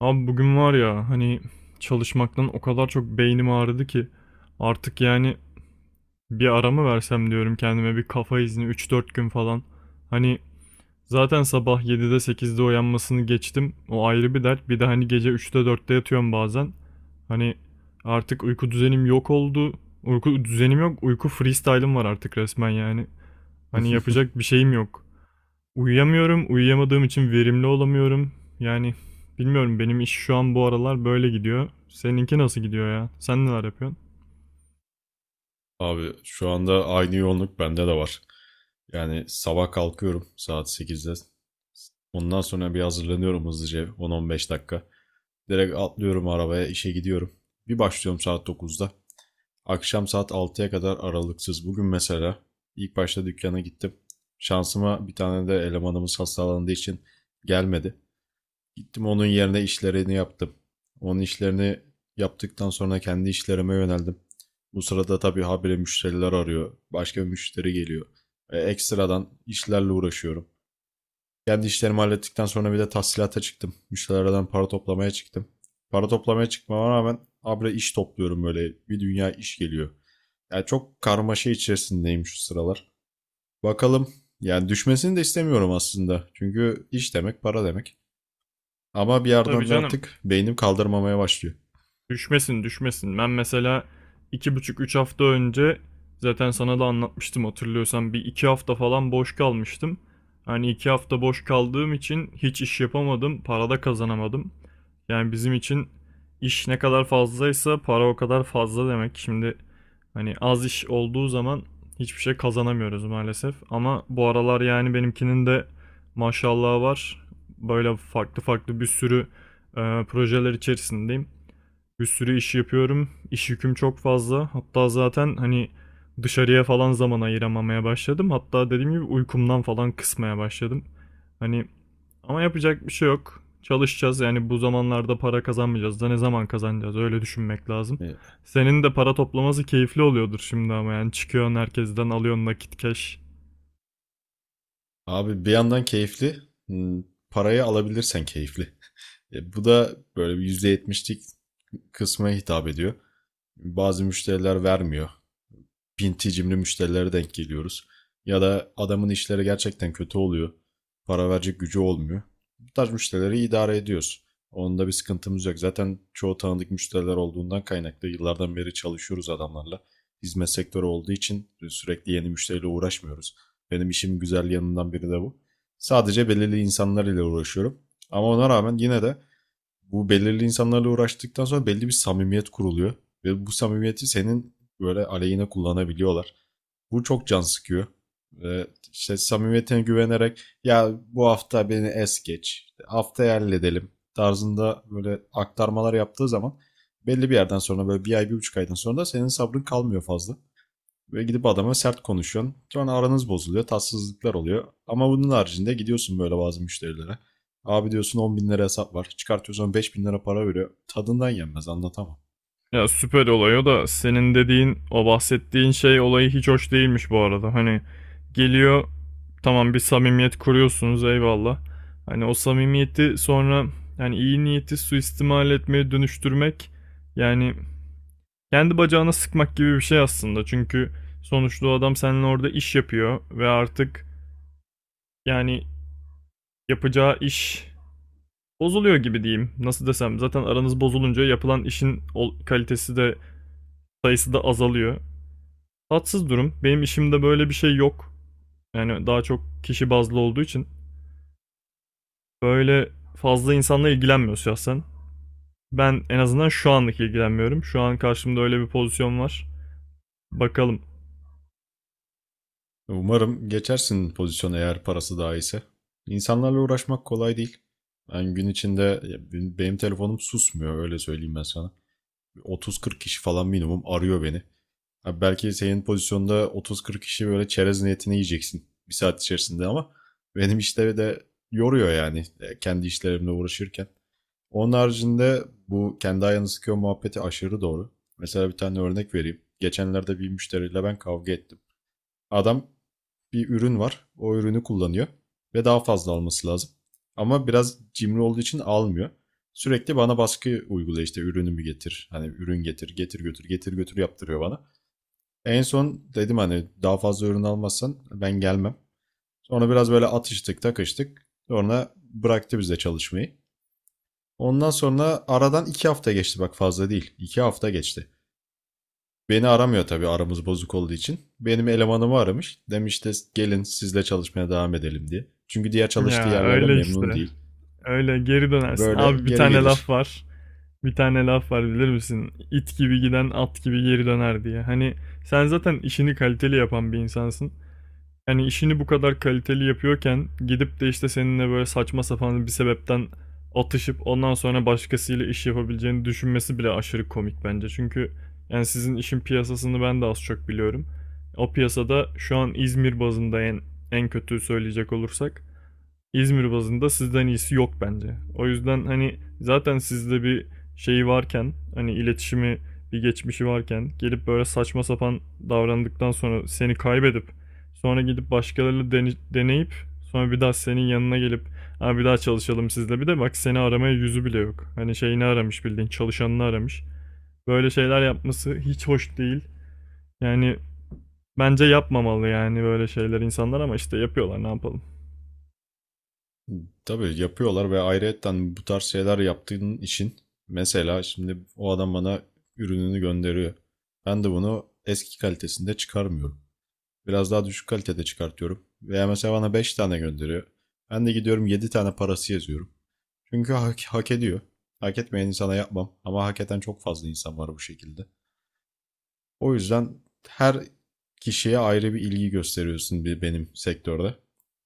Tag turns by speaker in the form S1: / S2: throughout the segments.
S1: Abi bugün var ya hani çalışmaktan o kadar çok beynim ağrıdı ki artık yani bir ara mı versem diyorum kendime bir kafa izni üç dört gün falan. Hani zaten sabah 7'de 8'de uyanmasını geçtim, o ayrı bir dert, bir de hani gece üçte dörtte yatıyorum bazen. Hani artık uyku düzenim yok oldu, uyku düzenim yok uyku freestyle'ım var artık resmen yani. Hani yapacak bir şeyim yok. Uyuyamıyorum. Uyuyamadığım için verimli olamıyorum. Yani bilmiyorum, benim iş şu an bu aralar böyle gidiyor. Seninki nasıl gidiyor ya? Sen neler yapıyorsun?
S2: Abi şu anda aynı yoğunluk bende de var. Yani sabah kalkıyorum saat 8'de. Ondan sonra bir hazırlanıyorum hızlıca 10-15 dakika. Direkt atlıyorum arabaya işe gidiyorum. Bir başlıyorum saat 9'da. Akşam saat 6'ya kadar aralıksız. Bugün mesela ilk başta dükkana gittim. Şansıma bir tane de elemanımız hastalandığı için gelmedi. Gittim onun yerine işlerini yaptım. Onun işlerini yaptıktan sonra kendi işlerime yöneldim. Bu sırada tabii habire müşteriler arıyor. Başka bir müşteri geliyor. Ekstradan işlerle uğraşıyorum. Kendi işlerimi hallettikten sonra bir de tahsilata çıktım. Müşterilerden para toplamaya çıktım. Para toplamaya çıkmama rağmen habire iş topluyorum böyle. Bir dünya iş geliyor. Yani çok karmaşa içerisindeyim şu sıralar. Bakalım. Yani düşmesini de istemiyorum aslında. Çünkü iş demek para demek. Ama bir
S1: Tabii
S2: yerden de
S1: canım.
S2: artık beynim kaldırmamaya başlıyor.
S1: Düşmesin düşmesin. Ben mesela iki buçuk üç hafta önce, zaten sana da anlatmıştım hatırlıyorsan, bir iki hafta falan boş kalmıştım. Hani iki hafta boş kaldığım için hiç iş yapamadım. Para da kazanamadım. Yani bizim için iş ne kadar fazlaysa para o kadar fazla demek. Şimdi hani az iş olduğu zaman hiçbir şey kazanamıyoruz maalesef. Ama bu aralar yani benimkinin de maşallahı var. Böyle farklı farklı bir sürü projeler içerisindeyim. Bir sürü iş yapıyorum. İş yüküm çok fazla. Hatta zaten hani dışarıya falan zaman ayıramamaya başladım. Hatta dediğim gibi uykumdan falan kısmaya başladım. Hani ama yapacak bir şey yok. Çalışacağız yani, bu zamanlarda para kazanmayacağız da ne zaman kazanacağız, öyle düşünmek lazım.
S2: E,
S1: Senin de para toplaması keyifli oluyordur şimdi ama, yani çıkıyorsun herkesten alıyorsun nakit cash.
S2: Abi bir yandan keyifli, hmm, parayı alabilirsen keyifli. Bu da böyle bir %70'lik kısma hitap ediyor. Bazı müşteriler vermiyor. Pinti cimri müşterilere denk geliyoruz. Ya da adamın işleri gerçekten kötü oluyor. Para verecek gücü olmuyor. Bu tarz müşterileri idare ediyoruz. Onda bir sıkıntımız yok. Zaten çoğu tanıdık müşteriler olduğundan kaynaklı yıllardan beri çalışıyoruz adamlarla. Hizmet sektörü olduğu için sürekli yeni müşteriyle uğraşmıyoruz. Benim işim güzel yanından biri de bu. Sadece belirli insanlar ile uğraşıyorum. Ama ona rağmen yine de bu belirli insanlarla uğraştıktan sonra belli bir samimiyet kuruluyor. Ve bu samimiyeti senin böyle aleyhine kullanabiliyorlar. Bu çok can sıkıyor. Ve işte samimiyetine güvenerek ya bu hafta beni es geç, işte haftaya halledelim tarzında böyle aktarmalar yaptığı zaman belli bir yerden sonra böyle bir ay bir buçuk aydan sonra da senin sabrın kalmıyor fazla. Ve gidip adama sert konuşuyorsun. Sonra aranız bozuluyor. Tatsızlıklar oluyor. Ama bunun haricinde gidiyorsun böyle bazı müşterilere. Abi diyorsun 10 bin lira hesap var. Çıkartıyorsun 5 bin lira para veriyor. Tadından yenmez anlatamam.
S1: Ya süper olay o da, senin dediğin o bahsettiğin şey olayı hiç hoş değilmiş bu arada. Hani geliyor, tamam bir samimiyet kuruyorsunuz, eyvallah. Hani o samimiyeti sonra yani iyi niyeti suistimal etmeye dönüştürmek, yani kendi bacağına sıkmak gibi bir şey aslında. Çünkü sonuçta o adam seninle orada iş yapıyor ve artık yani yapacağı iş bozuluyor gibi diyeyim. Nasıl desem, zaten aranız bozulunca yapılan işin kalitesi de sayısı da azalıyor. Tatsız durum. Benim işimde böyle bir şey yok. Yani daha çok kişi bazlı olduğu için böyle fazla insanla ilgilenmiyor şahsen. Ben en azından şu anlık ilgilenmiyorum. Şu an karşımda öyle bir pozisyon var. Bakalım.
S2: Umarım geçersin pozisyona eğer parası daha iyiyse. İnsanlarla uğraşmak kolay değil. Ben gün içinde benim telefonum susmuyor öyle söyleyeyim ben sana. 30-40 kişi falan minimum arıyor beni. Abi belki senin pozisyonda 30-40 kişi böyle çerez niyetine yiyeceksin bir saat içerisinde ama benim işte de yoruyor yani kendi işlerimle uğraşırken. Onun haricinde bu kendi ayağını sıkıyor muhabbeti aşırı doğru. Mesela bir tane örnek vereyim. Geçenlerde bir müşteriyle ben kavga ettim. Adam bir ürün var. O ürünü kullanıyor ve daha fazla alması lazım. Ama biraz cimri olduğu için almıyor. Sürekli bana baskı uyguluyor işte ürünümü getir. Hani ürün getir, getir götür, getir götür yaptırıyor bana. En son dedim hani daha fazla ürün almazsan ben gelmem. Sonra biraz böyle atıştık takıştık. Sonra bıraktı bize çalışmayı. Ondan sonra aradan 2 hafta geçti bak fazla değil. 2 hafta geçti. Beni aramıyor tabii aramız bozuk olduğu için. Benim elemanımı aramış. Demiş de gelin sizle çalışmaya devam edelim diye. Çünkü diğer çalıştığı
S1: Ya
S2: yerlerle
S1: öyle
S2: memnun
S1: işte.
S2: değil.
S1: Öyle geri dönersin.
S2: Böyle
S1: Abi bir
S2: geri
S1: tane laf
S2: gelir.
S1: var. Bir tane laf var bilir misin? İt gibi giden at gibi geri döner diye. Hani sen zaten işini kaliteli yapan bir insansın. Yani işini bu kadar kaliteli yapıyorken gidip de işte seninle böyle saçma sapan bir sebepten atışıp ondan sonra başkasıyla iş yapabileceğini düşünmesi bile aşırı komik bence. Çünkü yani sizin işin piyasasını ben de az çok biliyorum. O piyasada şu an İzmir bazında en kötü söyleyecek olursak İzmir bazında sizden iyisi yok bence. O yüzden hani zaten sizde bir şeyi varken, hani iletişimi bir geçmişi varken, gelip böyle saçma sapan davrandıktan sonra seni kaybedip sonra gidip başkalarıyla deneyip sonra bir daha senin yanına gelip ha bir daha çalışalım sizle, bir de bak seni aramaya yüzü bile yok. Hani şeyini aramış, bildiğin çalışanını aramış. Böyle şeyler yapması hiç hoş değil. Yani bence yapmamalı yani böyle şeyler insanlar, ama işte yapıyorlar, ne yapalım.
S2: Tabii yapıyorlar ve ayrıyetten bu tarz şeyler yaptığın için mesela şimdi o adam bana ürününü gönderiyor. Ben de bunu eski kalitesinde çıkarmıyorum. Biraz daha düşük kalitede çıkartıyorum. Veya mesela bana 5 tane gönderiyor. Ben de gidiyorum 7 tane parası yazıyorum. Çünkü hak ediyor. Hak etmeyen insana yapmam. Ama hak eden çok fazla insan var bu şekilde. O yüzden her kişiye ayrı bir ilgi gösteriyorsun benim sektörde.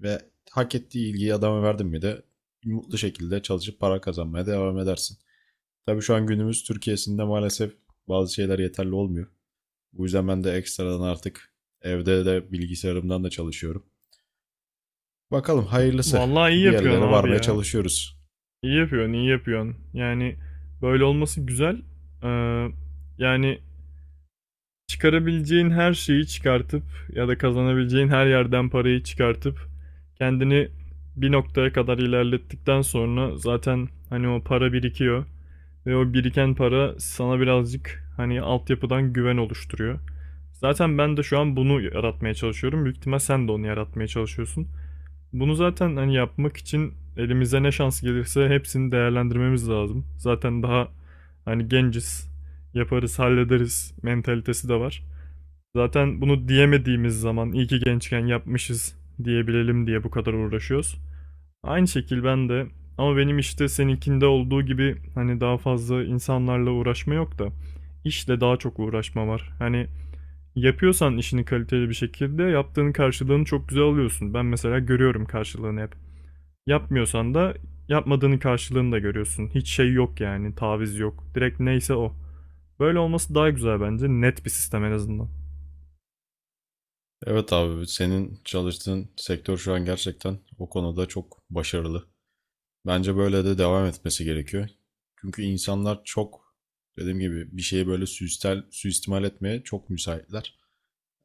S2: Ve hak ettiği ilgiyi adama verdin mi de mutlu şekilde çalışıp para kazanmaya devam edersin. Tabii şu an günümüz Türkiye'sinde maalesef bazı şeyler yeterli olmuyor. Bu yüzden ben de ekstradan artık evde de bilgisayarımdan da çalışıyorum. Bakalım hayırlısı.
S1: Vallahi iyi
S2: Bir
S1: yapıyorsun
S2: yerlere
S1: abi
S2: varmaya
S1: ya.
S2: çalışıyoruz.
S1: İyi yapıyorsun, iyi yapıyorsun. Yani böyle olması güzel. Ee, Yani çıkarabileceğin her şeyi çıkartıp ya da kazanabileceğin her yerden parayı çıkartıp kendini bir noktaya kadar ilerlettikten sonra zaten hani o para birikiyor ve o biriken para sana birazcık hani altyapıdan güven oluşturuyor. Zaten ben de şu an bunu yaratmaya çalışıyorum. Büyük ihtimal sen de onu yaratmaya çalışıyorsun. Bunu zaten hani yapmak için elimize ne şans gelirse hepsini değerlendirmemiz lazım. Zaten daha hani genciz, yaparız, hallederiz mentalitesi de var. Zaten bunu diyemediğimiz zaman iyi ki gençken yapmışız diyebilelim diye bu kadar uğraşıyoruz. Aynı şekil ben de, ama benim işte seninkinde olduğu gibi hani daha fazla insanlarla uğraşma yok da işle daha çok uğraşma var. Hani yapıyorsan işini kaliteli bir şekilde yaptığın karşılığını çok güzel alıyorsun. Ben mesela görüyorum karşılığını hep. Yapmıyorsan da yapmadığının karşılığını da görüyorsun. Hiç şey yok yani, taviz yok. Direkt neyse o. Böyle olması daha güzel bence. Net bir sistem en azından.
S2: Evet abi senin çalıştığın sektör şu an gerçekten o konuda çok başarılı. Bence böyle de devam etmesi gerekiyor. Çünkü insanlar çok dediğim gibi bir şeyi böyle suistimal etmeye çok müsaitler.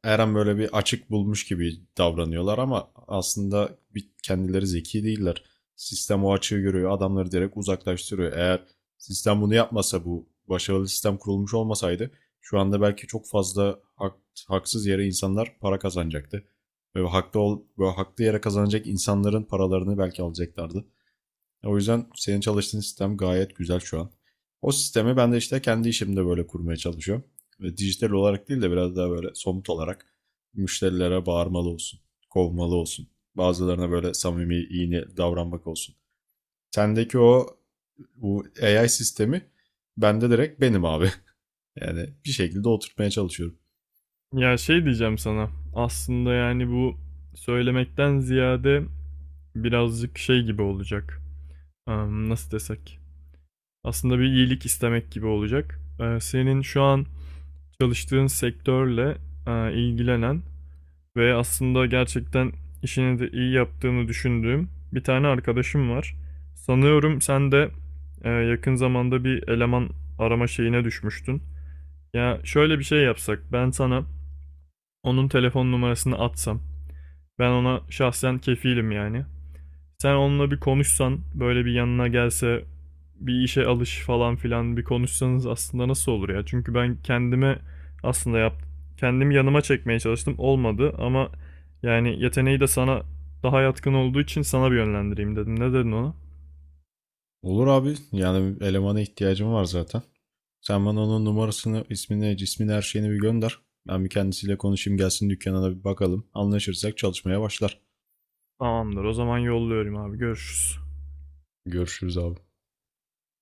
S2: Her an böyle bir açık bulmuş gibi davranıyorlar ama aslında kendileri zeki değiller. Sistem o açığı görüyor, adamları direkt uzaklaştırıyor. Eğer sistem bunu yapmasa bu başarılı sistem kurulmuş olmasaydı şu anda belki çok fazla haksız yere insanlar para kazanacaktı. Ve haklı yere kazanacak insanların paralarını belki alacaklardı. O yüzden senin çalıştığın sistem gayet güzel şu an. O sistemi ben de işte kendi işimde böyle kurmaya çalışıyorum. Ve dijital olarak değil de biraz daha böyle somut olarak müşterilere bağırmalı olsun, kovmalı olsun. Bazılarına böyle samimi, iyi niyetli davranmak olsun. Sendeki o bu AI sistemi bende direkt benim abi. Yani bir şekilde oturtmaya çalışıyorum.
S1: Ya şey diyeceğim sana. Aslında yani bu söylemekten ziyade birazcık şey gibi olacak. Nasıl desek? Aslında bir iyilik istemek gibi olacak. Senin şu an çalıştığın sektörle ilgilenen ve aslında gerçekten işini de iyi yaptığını düşündüğüm bir tane arkadaşım var. Sanıyorum sen de yakın zamanda bir eleman arama şeyine düşmüştün. Ya şöyle bir şey yapsak, ben sana onun telefon numarasını atsam, ben ona şahsen kefilim yani. Sen onunla bir konuşsan, böyle bir yanına gelse, bir işe alış falan filan bir konuşsanız, aslında nasıl olur ya? Çünkü ben kendime aslında yap kendimi yanıma çekmeye çalıştım. Olmadı, ama yani yeteneği de sana daha yatkın olduğu için sana bir yönlendireyim dedim. Ne dedin ona?
S2: Olur abi. Yani elemana ihtiyacım var zaten. Sen bana onun numarasını, ismini, cismini, her şeyini bir gönder. Ben bir kendisiyle konuşayım gelsin dükkana da bir bakalım. Anlaşırsak çalışmaya başlar.
S1: Tamamdır. O zaman yolluyorum abi. Görüşürüz.
S2: Görüşürüz abi.